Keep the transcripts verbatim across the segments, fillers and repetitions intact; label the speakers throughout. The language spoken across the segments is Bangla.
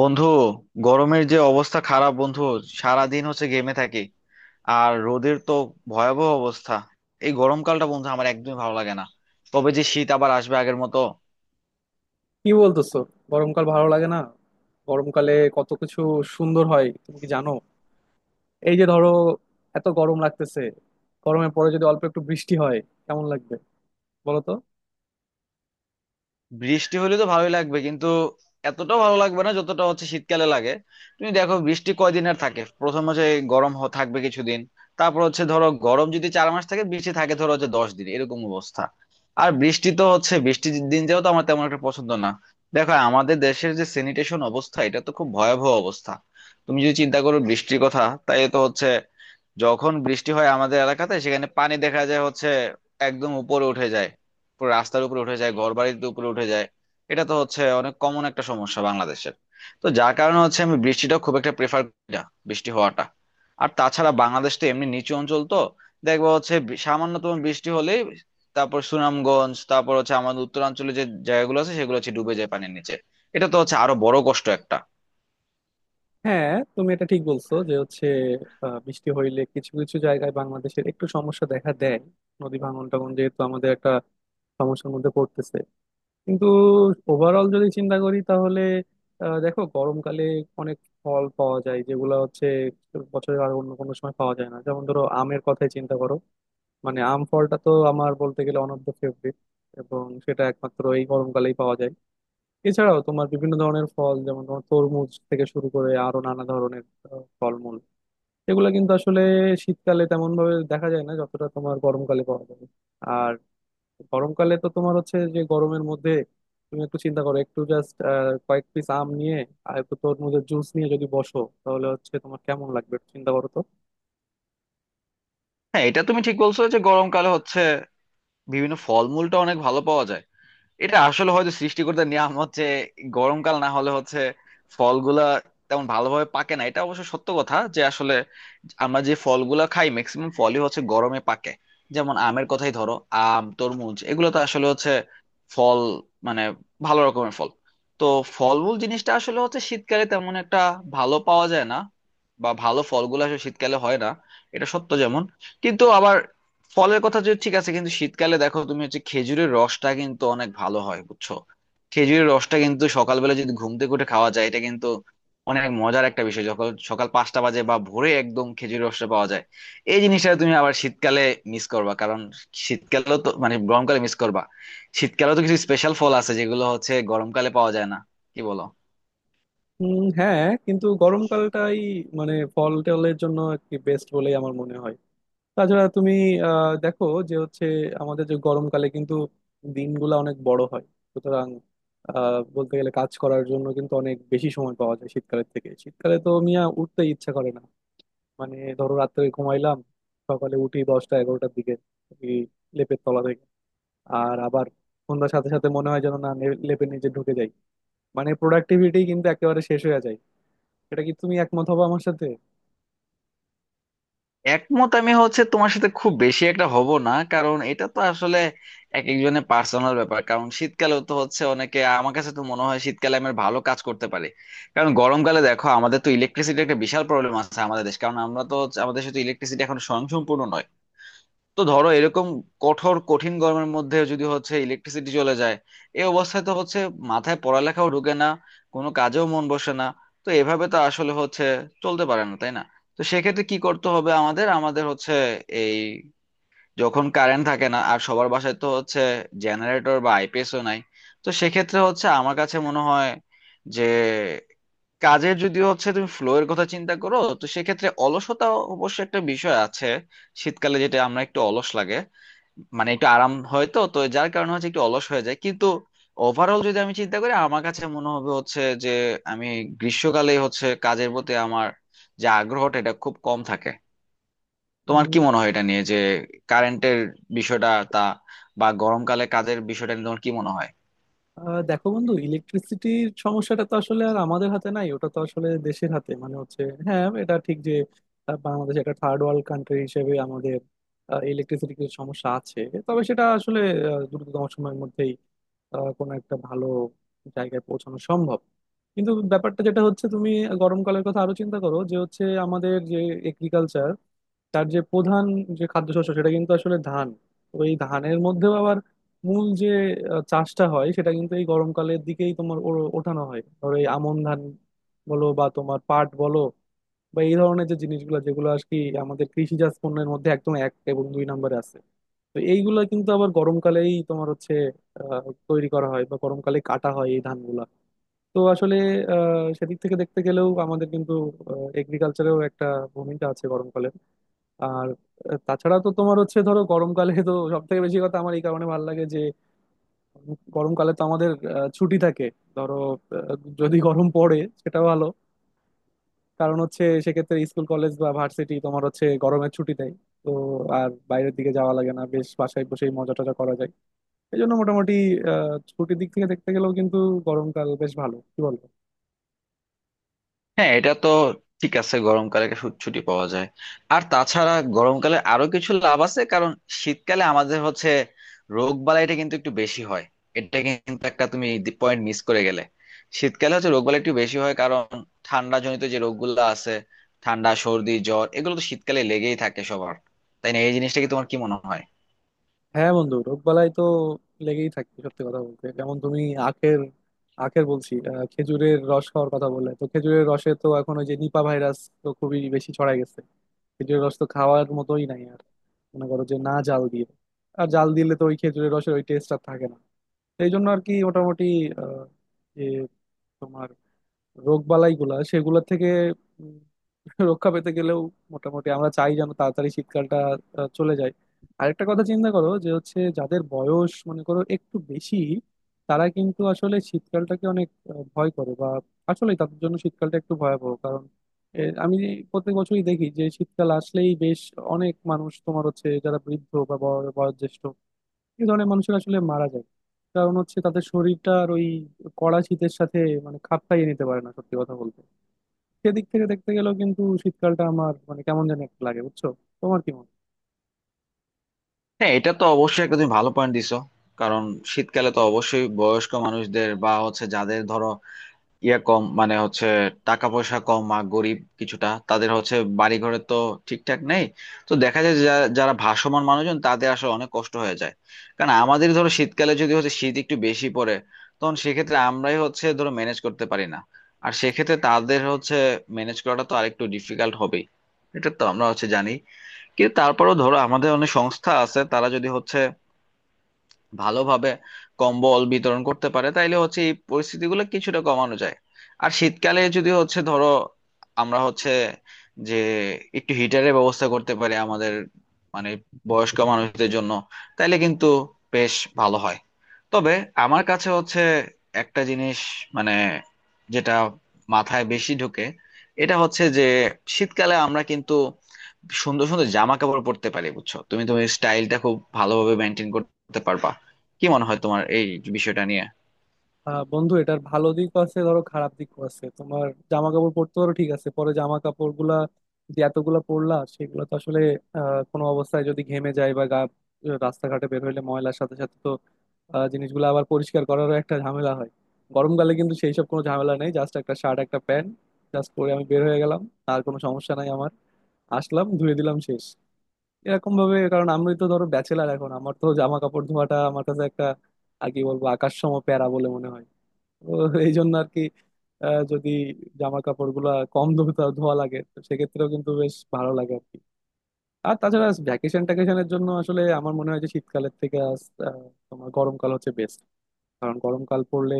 Speaker 1: বন্ধু, গরমের যে অবস্থা খারাপ বন্ধু। সারাদিন হচ্ছে গেমে থাকি। আর রোদের তো ভয়াবহ অবস্থা। এই গরমকালটা বন্ধু আমার একদমই ভালো লাগে না। তবে যে শীত আবার আসবে আগের মতো।
Speaker 2: কি বলতেছো? গরমকাল ভালো লাগে না? গরমকালে কত কিছু সুন্দর হয় তুমি কি জানো? এই যে ধরো, এত গরম লাগতেছে, গরমের পরে যদি অল্প একটু বৃষ্টি হয় কেমন লাগবে বলো তো।
Speaker 1: বৃষ্টি হলে তো ভালোই লাগবে, কিন্তু এতটাও ভালো লাগবে না যতটা হচ্ছে শীতকালে লাগে। তুমি দেখো বৃষ্টি কয়দিন আর থাকে। প্রথম হচ্ছে এই গরম হ- থাকবে কিছুদিন, তারপর হচ্ছে ধরো গরম যদি চার মাস থাকে, বৃষ্টি থাকে ধরো হচ্ছে দশ দিন, এরকম অবস্থা। আর বৃষ্টি তো হচ্ছে বৃষ্টির দিন যাও তো আমার তেমন একটা পছন্দ না। দেখো আমাদের দেশের যে স্যানিটেশন অবস্থা, এটা তো খুব ভয়াবহ অবস্থা। তুমি যদি চিন্তা করো বৃষ্টির কথা, তাই তো হচ্ছে যখন বৃষ্টি হয় আমাদের এলাকাতে, সেখানে পানি দেখা যায় হচ্ছে একদম উপরে উঠে যায়, পুরো রাস্তার উপরে উঠে যায়, ঘর বাড়ির উপরে উঠে যায়। এটা তো হচ্ছে অনেক কমন একটা সমস্যা বাংলাদেশের। তো যার কারণে হচ্ছে আমি বৃষ্টিটা খুব একটা প্রেফার করি না, বৃষ্টি হওয়াটা। আর তাছাড়া বাংলাদেশ তো এমনি নিচু অঞ্চল তো, দেখবো হচ্ছে বি- সামান্যতম বৃষ্টি হলেই, তারপর সুনামগঞ্জ, তারপর হচ্ছে আমাদের উত্তরাঞ্চলে যে জায়গাগুলো আছে সেগুলো হচ্ছে ডুবে যায় পানির নিচে। এটা তো হচ্ছে আরো বড় কষ্ট একটা।
Speaker 2: হ্যাঁ, তুমি এটা ঠিক বলছো যে হচ্ছে আহ, বৃষ্টি হইলে কিছু কিছু জায়গায় বাংলাদেশের একটু সমস্যা দেখা দেয়। নদী ভাঙন টাঙন যেহেতু আমাদের একটা সমস্যার মধ্যে পড়তেছে, কিন্তু ওভারঅল যদি চিন্তা করি তাহলে আহ, দেখো, গরমকালে অনেক ফল পাওয়া যায় যেগুলো হচ্ছে বছরের আর অন্য কোনো সময় পাওয়া যায় না। যেমন ধরো আমের কথাই চিন্তা করো, মানে আম ফলটা তো আমার বলতে গেলে অনবদ্য ফেভারিট, এবং সেটা একমাত্র এই গরমকালেই পাওয়া যায়। এছাড়াও তোমার বিভিন্ন ধরনের ফল, যেমন তোমার তরমুজ থেকে শুরু করে আরো নানা ধরনের আহ, ফলমূল, এগুলো কিন্তু আসলে শীতকালে তেমন ভাবে দেখা যায় না, যতটা তোমার গরমকালে পাওয়া যায়। আর গরমকালে তো তোমার হচ্ছে, যে গরমের মধ্যে তুমি একটু চিন্তা করো একটু জাস্ট কয়েক পিস আম নিয়ে আর একটু তরমুজের জুস নিয়ে যদি বসো, তাহলে হচ্ছে তোমার কেমন লাগবে একটু চিন্তা করো তো।
Speaker 1: হ্যাঁ, এটা তুমি ঠিক বলছো যে গরমকালে হচ্ছে বিভিন্ন ফলমূলটা অনেক ভালো পাওয়া যায়। এটা আসলে হয়তো সৃষ্টিকর্তার নিয়ম। হচ্ছে গরমকাল না হলে হচ্ছে ফলগুলা তেমন ভালোভাবে পাকে না। এটা অবশ্য সত্য কথা যে আসলে আমরা যে ফলগুলা খাই ম্যাক্সিমাম ফলই হচ্ছে গরমে পাকে। যেমন আমের কথাই ধরো, আম, তরমুজ, এগুলো তো আসলে হচ্ছে ফল, মানে ভালো রকমের ফল। তো ফলমূল জিনিসটা আসলে হচ্ছে শীতকালে তেমন একটা ভালো পাওয়া যায় না, বা ভালো ফলগুলো আসলে শীতকালে হয় না, এটা সত্য। যেমন কিন্তু আবার ফলের কথা যদি ঠিক আছে, কিন্তু শীতকালে দেখো তুমি হচ্ছে খেজুরের রসটা কিন্তু অনেক ভালো হয়, বুঝছো। খেজুরের রসটা কিন্তু সকালবেলা যদি ঘুম থেকে উঠে খাওয়া যায়, এটা কিন্তু অনেক মজার একটা বিষয়, যখন সকাল পাঁচটা বাজে বা ভোরে একদম, খেজুরের রসটা পাওয়া যায়। এই জিনিসটা তুমি আবার শীতকালে মিস করবা, কারণ শীতকালেও তো মানে গরমকালে মিস করবা। শীতকালেও তো কিছু স্পেশাল ফল আছে যেগুলো হচ্ছে গরমকালে পাওয়া যায় না, কি বলো।
Speaker 2: উম, হ্যাঁ, কিন্তু গরমকালটাই মানে ফল টলের জন্য একটি বেস্ট বলেই আমার মনে হয়। তাছাড়া তুমি আহ দেখো, যে হচ্ছে আমাদের যে গরমকালে কিন্তু দিনগুলো অনেক বড় হয়। সুতরাং আহ বলতে গেলে কাজ করার জন্য কিন্তু অনেক বেশি সময় পাওয়া যায় শীতকালের থেকে। শীতকালে তো মিয়া উঠতে ইচ্ছা করে না। মানে ধরো রাত্রে ঘুমাইলাম, সকালে উঠি দশটা এগারোটার দিকে ওই লেপের তলা থেকে। আর আবার সন্ধ্যার সাথে সাথে মনে হয় যেন না লে- লেপের নিচে ঢুকে যাই। মানে প্রোডাক্টিভিটি কিন্তু একেবারে শেষ হয়ে যায়। এটা কি তুমি একমত হবো আমার সাথে?
Speaker 1: একমত আমি হচ্ছে তোমার সাথে খুব বেশি একটা হব না, কারণ এটা তো আসলে এক একজনের পার্সোনাল ব্যাপার। কারণ শীতকালেও তো হচ্ছে অনেকে, আমার কাছে তো মনে হয় শীতকালে আমরা ভালো কাজ করতে পারি। কারণ গরমকালে দেখো আমাদের তো ইলেকট্রিসিটি একটা বিশাল প্রবলেম আছে আমাদের দেশ, কারণ আমরা তো হচ্ছে- আমাদের সাথে ইলেকট্রিসিটি এখন স্বয়ংসম্পূর্ণ নয়। তো ধরো এরকম কঠোর কঠিন গরমের মধ্যে যদি হচ্ছে ইলেকট্রিসিটি চলে যায়, এই অবস্থায় তো হচ্ছে মাথায় পড়ালেখাও ঢোকে না, কোনো কাজেও মন বসে না। তো এভাবে তো আসলে হচ্ছে চলতে পারে না, তাই না। তো সেক্ষেত্রে কি করতে হবে আমাদের, আমাদের হচ্ছে এই, যখন কারেন্ট থাকে না আর সবার বাসায় তো হচ্ছে জেনারেটর বা আইপিএসও নাই। তো সেক্ষেত্রে হচ্ছে আমার কাছে মনে হয় যে কাজের যদি হচ্ছে তুমি ফ্লো এর কথা চিন্তা করো, তো সেক্ষেত্রে অলসতা অবশ্য একটা বিষয় আছে। শীতকালে যেটা আমরা একটু অলস লাগে, মানে একটু আরাম হয় তো, তো যার কারণে হচ্ছে একটু অলস হয়ে যায়। কিন্তু ওভারঅল যদি আমি চিন্তা করি, আমার কাছে মনে হবে হচ্ছে যে আমি গ্রীষ্মকালে হচ্ছে কাজের প্রতি আমার যে আগ্রহটা, এটা খুব কম থাকে। তোমার কি
Speaker 2: উম,
Speaker 1: মনে হয় এটা নিয়ে, যে কারেন্টের বিষয়টা তা, বা গরমকালে কাজের বিষয়টা নিয়ে তোমার কি মনে হয়।
Speaker 2: আহ, দেখো বন্ধু, ইলেকট্রিসিটির সমস্যাটা তো আসলে আর আমাদের হাতে নাই, ওটা তো আসলে দেশের হাতে, মানে হচ্ছে হ্যাঁ, এটা ঠিক যে আহ, বাংলাদেশ একটা থার্ড ওয়ার্ল্ড কান্ট্রি হিসেবে আমাদের ইলেকট্রিসিটির কিছু সমস্যা আছে। তবে সেটা আসলে আহ, দ্রুততম সময়ের মধ্যেই আহ, কোনো একটা ভালো জায়গায় পৌঁছানো সম্ভব। কিন্তু ব্যাপারটা যেটা হচ্ছে, তুমি গরমকালের কথা আরো চিন্তা করো, যে হচ্ছে আমাদের যে এগ্রিকালচার, তার যে প্রধান যে খাদ্যশস্য সেটা কিন্তু আসলে ধান। তো এই ধানের মধ্যেও আবার মূল যে আহ, চাষটা হয়, সেটা কিন্তু এই গরমকালের দিকেই তোমার ও- ওঠানো হয়। ধরো এই আমন ধান বলো বা তোমার পাট বলো, বা এই ধরনের যে জিনিসগুলো, যেগুলো আর কি আমাদের কৃষিজাত পণ্যের মধ্যে একদম এক এবং দুই নম্বরে আছে। তো এইগুলা কিন্তু আবার গরমকালেই তোমার হচ্ছে আহ, তৈরি করা হয় বা গরমকালে কাটা হয় এই ধানগুলা। তো আসলে আহ, সেদিক থেকে দেখতে গেলেও আমাদের কিন্তু এগ্রিকালচারেও একটা ভূমিকা আছে গরমকালে। আর আহ, তাছাড়া তো তোমার হচ্ছে, ধরো গরমকালে তো সব থেকে বেশি কথা আমার এই কারণে ভালো লাগে যে উম, গরমকালে তো আমাদের আহ, ছুটি থাকে। ধরো আহ, যদি গরম পড়ে সেটা ভালো, কারণ হচ্ছে সেক্ষেত্রে স্কুল কলেজ বা ভার্সিটি তোমার হচ্ছে গরমের ছুটি দেয়। তো আর বাইরের দিকে যাওয়া লাগে না, বেশ বাসায় বসেই মজা টজা করা যায়। এই জন্য মোটামুটি আহ, ছুটির দিক থেকে দেখতে গেলেও কিন্তু গরমকাল বেশ ভালো, কি বলবো।
Speaker 1: হ্যাঁ, এটা তো ঠিক আছে, গরমকালে ছুট- ছুটি পাওয়া যায়। আর তাছাড়া গরমকালে আরো কিছু লাভ আছে, কারণ শীতকালে আমাদের হচ্ছে রোগ বালাইটা কিন্তু একটু বেশি হয়। এটা কিন্তু একটা তুমি পয়েন্ট মিস করে গেলে। শীতকালে হচ্ছে রোগ বালাই একটু বেশি হয়, কারণ ঠান্ডা জনিত যে রোগগুলো আছে, ঠান্ডা, সর্দি, জ্বর, এগুলো তো শীতকালে লেগেই থাকে সবার, তাই না। এই জিনিসটা কি তোমার কি মনে হয়।
Speaker 2: হ্যাঁ বন্ধু, রোগবালাই তো লেগেই থাকে সত্যি কথা বলতে। যেমন তুমি আখের, আখের বলছি আহ, খেজুরের রস খাওয়ার কথা বললে, তো খেজুরের রসে তো এখন ওই যে নিপা ভাইরাস তো খুবই বেশি ছড়াই গেছে। খেজুরের রস তো খাওয়ার মতোই নাই আর, মনে করো যে না জাল দিয়ে। আর জাল দিলে তো ওই খেজুরের রসের ওই টেস্ট আর থাকে না। এই জন্য আর কি মোটামুটি আহ, যে তোমার রোগ বালাই গুলা সেগুলো থেকে উম, রক্ষা পেতে গেলেও মোটামুটি আমরা চাই যেন তাড়াতাড়ি শীতকালটা আহ, চলে যায়। আরেকটা কথা চিন্তা করো, যে হচ্ছে যাদের বয়স মনে করো একটু বেশি, তারা কিন্তু আসলে শীতকালটাকে অনেক আহ, ভয় করে, বা আসলে তাদের জন্য শীতকালটা একটু ভয়াবহ। কারণ এ, আমি প্রত্যেক বছরই দেখি যে শীতকাল আসলেই বেশ অনেক মানুষ, তোমার হচ্ছে যারা বৃদ্ধ বা বয়- বয়োজ্যেষ্ঠ, এই ধরনের মানুষের আসলে মারা যায়। কারণ হচ্ছে তাদের শরীরটা আর ওই কড়া শীতের সাথে মানে খাপ খাইয়ে নিতে পারে না সত্যি কথা বলতে। সেদিক থেকে দেখতে গেলেও কিন্তু শীতকালটা আমার মানে কেমন জানি একটা লাগে, বুঝছো? তোমার কি মনে হয়?
Speaker 1: হ্যাঁ, এটা তো অবশ্যই একটা তুমি ভালো পয়েন্ট দিছো। কারণ শীতকালে তো অবশ্যই বয়স্ক মানুষদের বা হচ্ছে যাদের ধরো ইয়া কম মানে হচ্ছে টাকা পয়সা কম আর গরিব কিছুটা, তাদের হচ্ছে বাড়ি ঘরে তো ঠিকঠাক নেই। তো দেখা যায় যে যা- যারা ভাসমান মানুষজন তাদের আসলে অনেক কষ্ট হয়ে যায়। কারণ আমাদের ধরো শীতকালে যদি হচ্ছে শীত একটু বেশি পড়ে, তখন সেক্ষেত্রে আমরাই হচ্ছে ধরো ম্যানেজ করতে পারি না। আর সেক্ষেত্রে তাদের হচ্ছে ম্যানেজ করাটা তো আরেকটু ডিফিকাল্ট হবেই, এটা তো আমরা হচ্ছে জানি। কিন্তু তারপরেও ধরো আমাদের অনেক সংস্থা আছে, তারা যদি হচ্ছে ভালোভাবে কম্বল বিতরণ করতে পারে, তাইলে হচ্ছে এই পরিস্থিতিগুলো কিছুটা কমানো যায়। আর শীতকালে যদি হচ্ছে ধরো আমরা হচ্ছে যে একটু হিটারের ব্যবস্থা করতে পারি আমাদের মানে বয়স্ক মানুষদের জন্য, তাইলে কিন্তু বেশ ভালো হয়। তবে আমার কাছে হচ্ছে একটা জিনিস, মানে, যেটা মাথায় বেশি ঢোকে, এটা হচ্ছে যে শীতকালে আমরা কিন্তু সুন্দর সুন্দর জামা কাপড় পরতে পারি, বুঝছো। তুমি তোমার স্টাইলটা খুব ভালোভাবে মেনটেন করতে পারবা। কি মনে হয় তোমার এই বিষয়টা নিয়ে।
Speaker 2: আহ বন্ধু, এটার ভালো দিকও আছে, ধরো খারাপ দিকও আছে। তোমার জামা কাপড় পরতে পারো, ঠিক আছে, পরে জামা কাপড় গুলা যে এতগুলা পরলা সেগুলো তো আসলে আহ কোনো অবস্থায় যদি ঘেমে যায় বা গা, রাস্তাঘাটে বের হইলে ময়লার সাথে সাথে তো আহ, জিনিসগুলো আবার পরিষ্কার করারও একটা ঝামেলা হয়। গরমকালে কিন্তু সেই সব কোনো ঝামেলা নেই, জাস্ট একটা শার্ট একটা প্যান্ট জাস্ট পরে আমি বের হয়ে গেলাম, আর কোনো সমস্যা নাই আমার। আসলাম, ধুয়ে দিলাম, শেষ, এরকম ভাবে। কারণ আমি তো ধরো ব্যাচেলার এখন, আমার তো জামা কাপড় ধোয়াটা আমার কাছে একটা আর কি বলবো, আকাশসম প্যারা বলে মনে হয়। তো এই জন্য আর কি, আহ, যদি জামা কাপড় গুলা কম ধোতা ধোয়া লাগে, তো সেক্ষেত্রেও কিন্তু বেশ ভালো লাগে আর কি। আর তাছাড়া ভ্যাকেশন ট্যাকেশনের জন্য আসলে আমার মনে হয় যে শীতকালের থেকে আস- আহ, তোমার গরমকাল হচ্ছে বেস্ট। কারণ গরমকাল পড়লে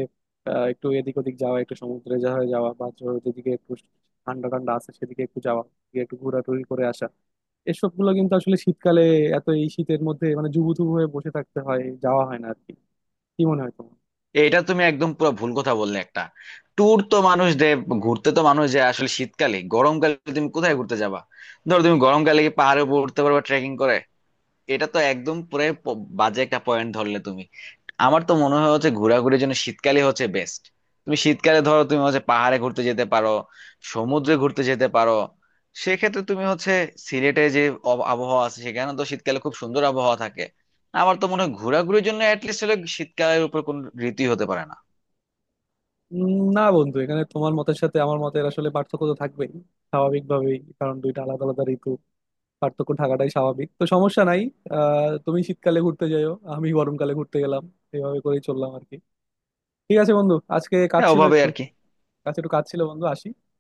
Speaker 2: আহ, একটু এদিক ওদিক যাওয়া, একটু সমুদ্রে যাওয়া যাওয়া, বা ধরো যেদিকে একটু ঠান্ডা ঠান্ডা আছে সেদিকে একটু যাওয়া, গিয়ে একটু ঘোরাঘুরি করে আসা। এসব গুলো কিন্তু আসলে শীতকালে এত এই শীতের মধ্যে মানে জুবুথুবু হয়ে বসে থাকতে হয়, যাওয়া হয় না আর কি। কি মনে হয় তোমার?
Speaker 1: এটা তুমি একদম পুরো ভুল কথা বললে। একটা ট্যুর তো মানুষ দেয়, ঘুরতে তো মানুষ যায় আসলে শীতকালে, গরমকালে তুমি কোথায় ঘুরতে যাবা। ধরো তুমি গরমকালে কি পাহাড়ে উপর উঠতে পারবা ট্রেকিং করে। এটা তো একদম পুরো প- বাজে একটা পয়েন্ট ধরলে তুমি। আমার তো মনে হয় হচ্ছে ঘোরাঘুরির জন্য শীতকালই হচ্ছে বেস্ট। তুমি শীতকালে ধরো তুমি হচ্ছে পাহাড়ে ঘুরতে যেতে পারো, সমুদ্রে ঘুরতে যেতে পারো। সেক্ষেত্রে তুমি হচ্ছে সিলেটে যে অব- আবহাওয়া আছে, সেখানে তো শীতকালে খুব সুন্দর আবহাওয়া থাকে। আমার তো মনে হয় ঘোরাঘুরির জন্য অ্যাটলিস্ট হলে শীতকালের উপর কোন ঋতুই হতে পারে না।
Speaker 2: উম, না বন্ধু, এখানে তোমার মতের সাথে আমার মতের আসলে পার্থক্য তো থাকবেই স্বাভাবিকভাবেই, কারণ দুইটা আলাদা আলাদা ঋতু, পার্থক্য থাকাটাই স্বাভাবিক, তো সমস্যা নাই। আহ তুমি শীতকালে ঘুরতে যাইও, আমি গরমকালে ঘুরতে গেলাম, এইভাবে করেই চললাম আর কি। ঠিক আছে বন্ধু, আজকে কাজ
Speaker 1: হ্যাঁ,
Speaker 2: ছিল
Speaker 1: ওভাবে
Speaker 2: একটু,
Speaker 1: আর কি।
Speaker 2: কাছে একটু কাজ ছিল বন্ধু, আসি।